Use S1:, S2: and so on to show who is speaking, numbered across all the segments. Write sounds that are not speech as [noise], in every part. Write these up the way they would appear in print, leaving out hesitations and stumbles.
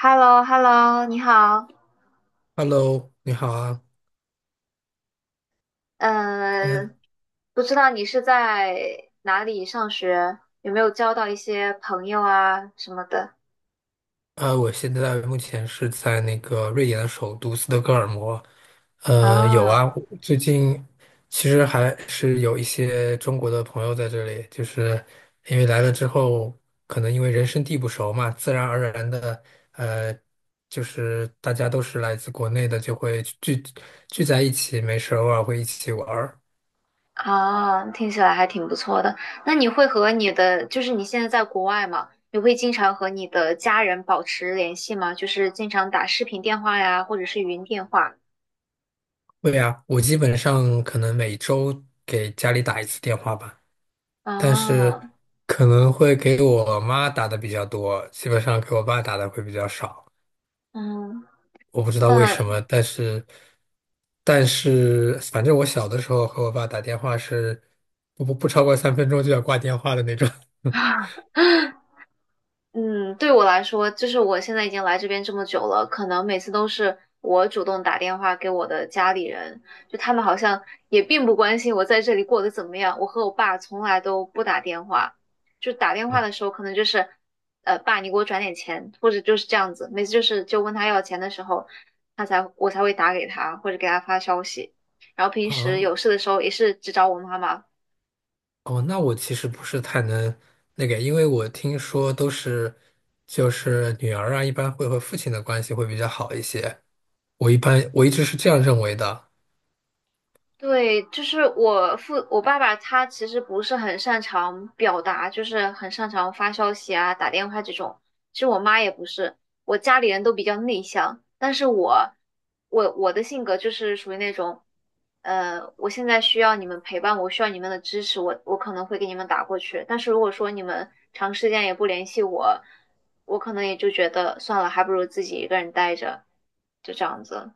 S1: h e l l o h e l l o 你好。
S2: Hello，你好啊，嗯，
S1: 嗯，不知道你是在哪里上学，有没有交到一些朋友啊什么的？
S2: 我现在目前是在那个瑞典的首都斯德哥尔摩。有啊，
S1: 啊
S2: 我最近其实还是有一些中国的朋友在这里，就是因为来了之后，可能因为人生地不熟嘛，自然而然的，呃，就是大家都是来自国内的，就会聚在一起，没事偶尔会一起玩儿。
S1: 啊，听起来还挺不错的。那你会和你的，就是你现在在国外嘛，你会经常和你的家人保持联系吗？就是经常打视频电话呀，或者是语音电话？
S2: 对呀，我基本上可能每周给家里打一次电话吧。但是
S1: 啊，
S2: 可能会给我妈打的比较多，基本上给我爸打的会比较少。
S1: 嗯，
S2: 我不知道为什
S1: 那
S2: 么，但是反正我小的时候和我爸打电话是不超过3分钟就要挂电话的那种。
S1: [laughs]
S2: [laughs]
S1: 啊。嗯，对我来说，就是我现在已经来这边这么久了，可能每次都是我主动打电话给我的家里人，就他们好像也并不关心我在这里过得怎么样。我和我爸从来都不打电话，就打电话
S2: 哦，
S1: 的时候可能就是，爸，你给我转点钱，或者就是这样子。每次就是就问他要钱的时候，我才会打给他或者给他发消息。然后平时有
S2: 啊，
S1: 事的时候也是只找我妈妈。
S2: 哦，那我其实不是太能那个，因为我听说都是就是女儿啊，一般会和父亲的关系会比较好一些。我一直是这样认为的。
S1: 对，就是我爸爸，他其实不是很擅长表达，就是很擅长发消息啊、打电话这种。其实我妈也不是，我家里人都比较内向，但是我的性格就是属于那种，我现在需要你们陪伴，我需要你们的支持，我可能会给你们打过去。但是如果说你们长时间也不联系我，我可能也就觉得算了，还不如自己一个人待着，就这样子。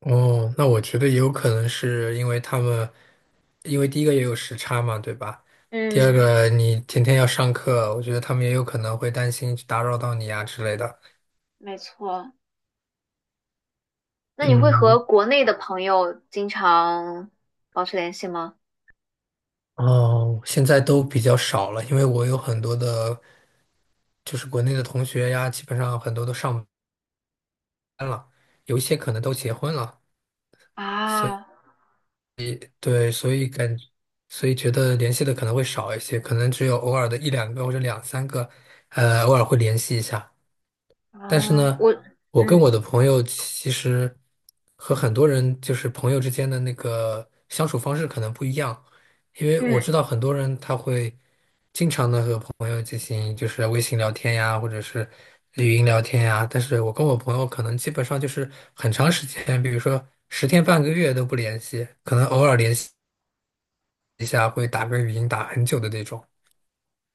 S2: 哦，那我觉得也有可能是因为他们，因为第一个也有时差嘛，对吧？第二
S1: 嗯，
S2: 个你天天要上课，我觉得他们也有可能会担心去打扰到你呀之类的。
S1: 没错。那你会和
S2: 嗯，
S1: 国内的朋友经常保持联系吗？
S2: 哦，现在都比较少了，因为我有很多的，就是国内的同学呀，基本上很多都上班了，有一些可能都结婚了，所以
S1: 啊。
S2: 对，所以觉得联系的可能会少一些，可能只有偶尔的一两个或者两三个，偶尔会联系一下。但是
S1: 啊
S2: 呢，
S1: 我，
S2: 我跟
S1: 嗯
S2: 我的朋友其实和很多人就是朋友之间的那个相处方式可能不一样，因为我
S1: 嗯。
S2: 知道很多人他会经常的和朋友进行就是微信聊天呀，或者是语音聊天呀，但是我跟我朋友可能基本上就是很长时间，比如说十天半个月都不联系，可能偶尔联系一下会打个语音打很久的那种。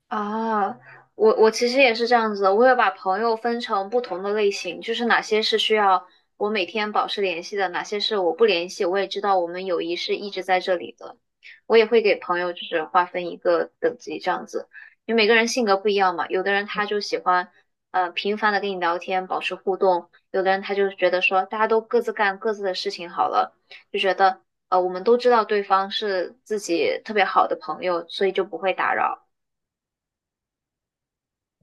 S1: 啊，我其实也是这样子的，我会把朋友分成不同的类型，就是哪些是需要我每天保持联系的，哪些是我不联系，我也知道我们友谊是一直在这里的。我也会给朋友就是划分一个等级这样子，因为每个人性格不一样嘛，有的人他就喜欢频繁的跟你聊天，保持互动，有的人他就觉得说大家都各自干各自的事情好了，就觉得我们都知道对方是自己特别好的朋友，所以就不会打扰。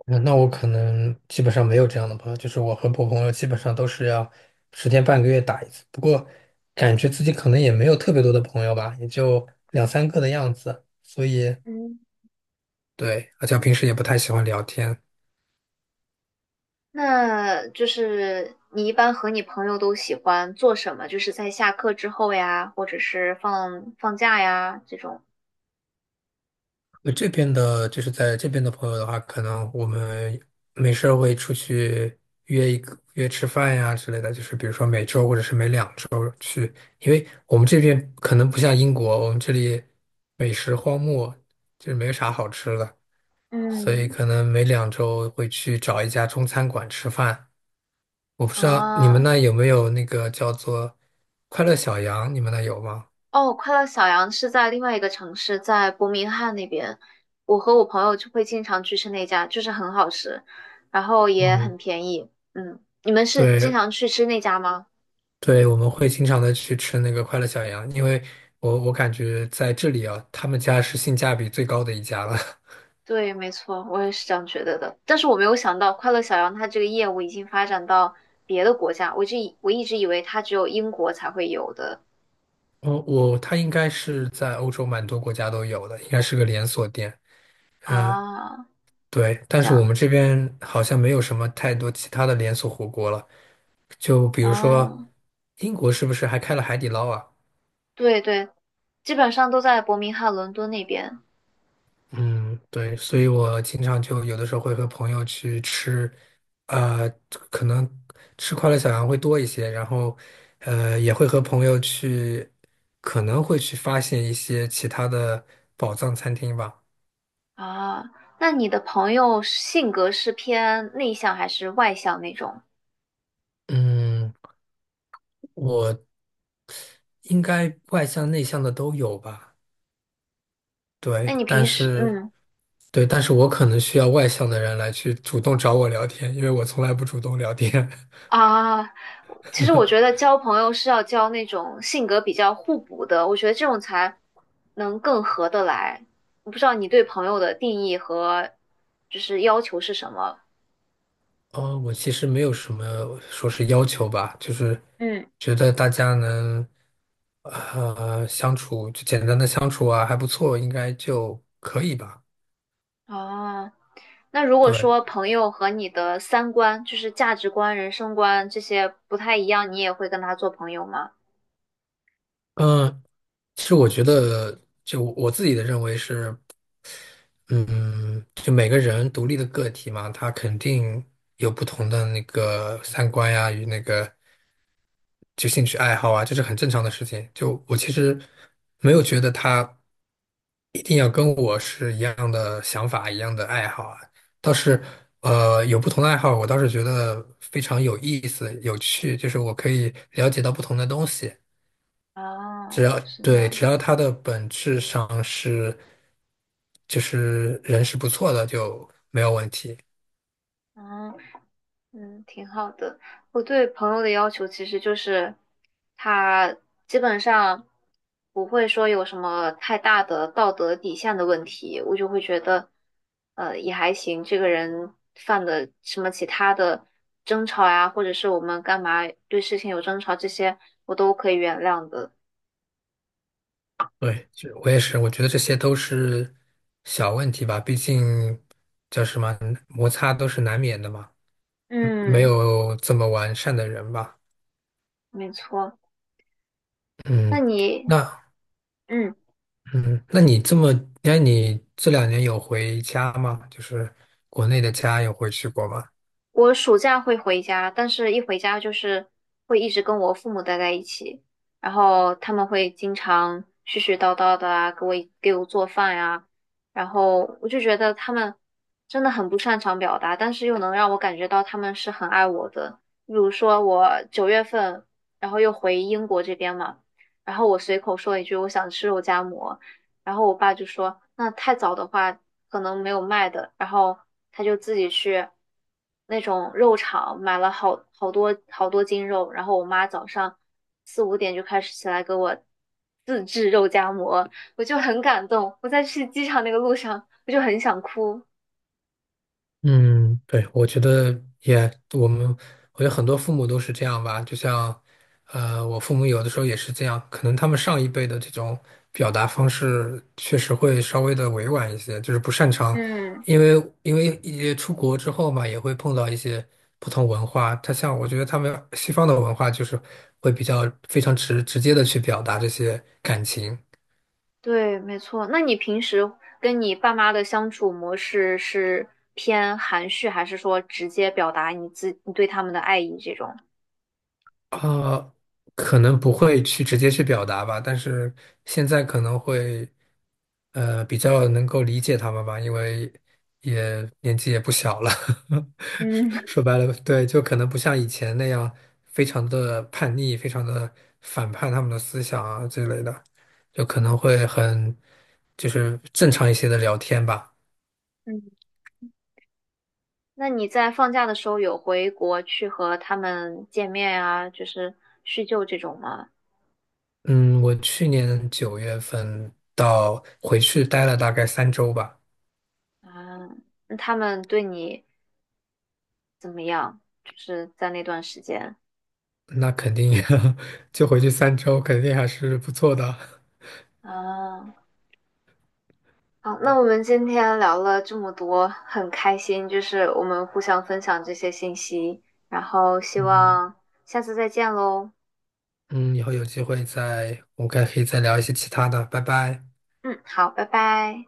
S2: 那我可能基本上没有这样的朋友，就是我和我朋友基本上都是要十天半个月打一次，不过感觉自己可能也没有特别多的朋友吧，也就两三个的样子，所以
S1: 嗯，
S2: 对，而且我平时也不太喜欢聊天。
S1: 那就是你一般和你朋友都喜欢做什么？就是在下课之后呀，或者是放假呀这种。
S2: 这边的就是在这边的朋友的话，可能我们没事儿会出去约一个约吃饭呀之类的，就是比如说每周或者是每两周，因为我们这边可能不像英国，我们这里美食荒漠，就是没有啥好吃的。所以
S1: 嗯。
S2: 可能每两周会去找一家中餐馆吃饭。我不知道你们
S1: 啊。
S2: 那有没有那个叫做快乐小羊，你们那有吗？
S1: 哦，快乐小羊是在另外一个城市，在伯明翰那边。我和我朋友就会经常去吃那家，就是很好吃，然后也很
S2: 嗯，
S1: 便宜。嗯，你们是经
S2: 对
S1: 常去吃那家吗？
S2: 对，我们会经常的去吃那个快乐小羊，因为我感觉在这里啊，他们家是性价比最高的一家了。[laughs]
S1: 对，没错，我也是这样觉得的。但是我没有想到，快乐小羊它这个业务已经发展到别的国家，我就以我一直以为它只有英国才会有的。
S2: 他应该是在欧洲蛮多国家都有的，应该是个连锁店。嗯，
S1: 啊，
S2: 对，但
S1: 这
S2: 是我
S1: 样
S2: 们这
S1: 子。
S2: 边好像没有什么太多其他的连锁火锅了。就比如说，
S1: 啊，
S2: 英国是不是还开了海底捞啊？
S1: 对对，基本上都在伯明翰、伦敦那边。
S2: 嗯，对，所以我经常就有的时候会和朋友去吃，呃，可能吃快乐小羊会多一些，然后，也会和朋友去，可能会去发现一些其他的宝藏餐厅吧。
S1: 啊，那你的朋友性格是偏内向还是外向那种？
S2: 嗯，我应该外向内向的都有吧？
S1: 那
S2: 对，
S1: 你
S2: 但
S1: 平时，
S2: 是。
S1: 嗯，
S2: 对，但是我可能需要外向的人来去主动找我聊天，因为我从来不主动聊天。[laughs]
S1: 啊，其实我觉得交朋友是要交那种性格比较互补的，我觉得这种才能更合得来。我不知道你对朋友的定义和就是要求是什么？
S2: 我其实没有什么说是要求吧，就是
S1: 嗯。
S2: 觉得大家能相处，就简单的相处啊，还不错，应该就可以吧。
S1: 啊，那如果
S2: 对，
S1: 说朋友和你的三观，就是价值观、人生观这些不太一样，你也会跟他做朋友吗？
S2: 嗯，其实我觉得，就我自己的认为是，嗯，就每个人独立的个体嘛，他肯定有不同的那个三观呀，与那个。就兴趣爱好啊，这是很正常的事情。就我其实没有觉得他一定要跟我是一样的想法、一样的爱好啊。倒是有不同的爱好，我倒是觉得非常有意思、有趣，就是我可以了解到不同的东西。
S1: 啊，是这
S2: 对，
S1: 样
S2: 只要它的本质上是就是人是不错的，就没有问题。
S1: 的。啊。嗯，挺好的。我对朋友的要求其实就是，他基本上不会说有什么太大的道德底线的问题，我就会觉得，也还行。这个人犯的什么其他的争吵呀，或者是我们干嘛对事情有争吵，这些我都可以原谅的。
S2: 对，这我也是，我觉得这些都是小问题吧，毕竟叫什么，摩擦都是难免的嘛，没
S1: 嗯，
S2: 有这么完善的人吧。
S1: 没错。
S2: 嗯，
S1: 那你，
S2: 那
S1: 嗯。
S2: 嗯，那你这么，那你这两年有回家吗？就是国内的家有回去过吗？
S1: 我暑假会回家，但是一回家就是会一直跟我父母待在一起，然后他们会经常絮絮叨叨的啊，给我做饭呀、然后我就觉得他们真的很不擅长表达，但是又能让我感觉到他们是很爱我的。比如说我9月份，然后又回英国这边嘛，然后我随口说一句我想吃肉夹馍，然后我爸就说，那太早的话可能没有卖的，然后他就自己去那种肉场买了好多好多斤肉，然后我妈早上4、5点就开始起来给我自制肉夹馍，我就很感动。我在去机场那个路上，我就很想哭。
S2: 嗯，对，我觉得也，我们我觉得很多父母都是这样吧，就像，我父母有的时候也是这样，可能他们上一辈的这种表达方式确实会稍微的委婉一些，就是不擅长，
S1: 嗯，
S2: 因为因为也出国之后嘛，也会碰到一些不同文化，他像我觉得他们西方的文化就是会比较非常直接的去表达这些感情，
S1: 对，没错。那你平时跟你爸妈的相处模式是偏含蓄，还是说直接表达你对他们的爱意这种？
S2: 啊，可能不会去直接去表达吧，但是现在可能会，比较能够理解他们吧，因为也年纪也不小了，[laughs]
S1: 嗯
S2: 说
S1: [laughs]
S2: 白了，对，就可能不像以前那样非常的叛逆，非常的反叛他们的思想啊之类的，就可能会很，就是正常一些的聊天吧。
S1: 嗯，那你在放假的时候有回国去和他们见面啊，就是叙旧这种吗？
S2: 嗯，我去年9月份到回去待了大概三周吧。
S1: 啊，那他们对你怎么样？就是在那段时间。
S2: 那肯定 [laughs] 就回去3周，肯定还是不错的。
S1: 啊，好，那我们今天聊了这么多，很开心，就是我们互相分享这些信息，然后希
S2: 嗯
S1: 望下次再见喽。
S2: 嗯，以后有机会再，我们可以再聊一些其他的，拜拜。
S1: 嗯，好，拜拜。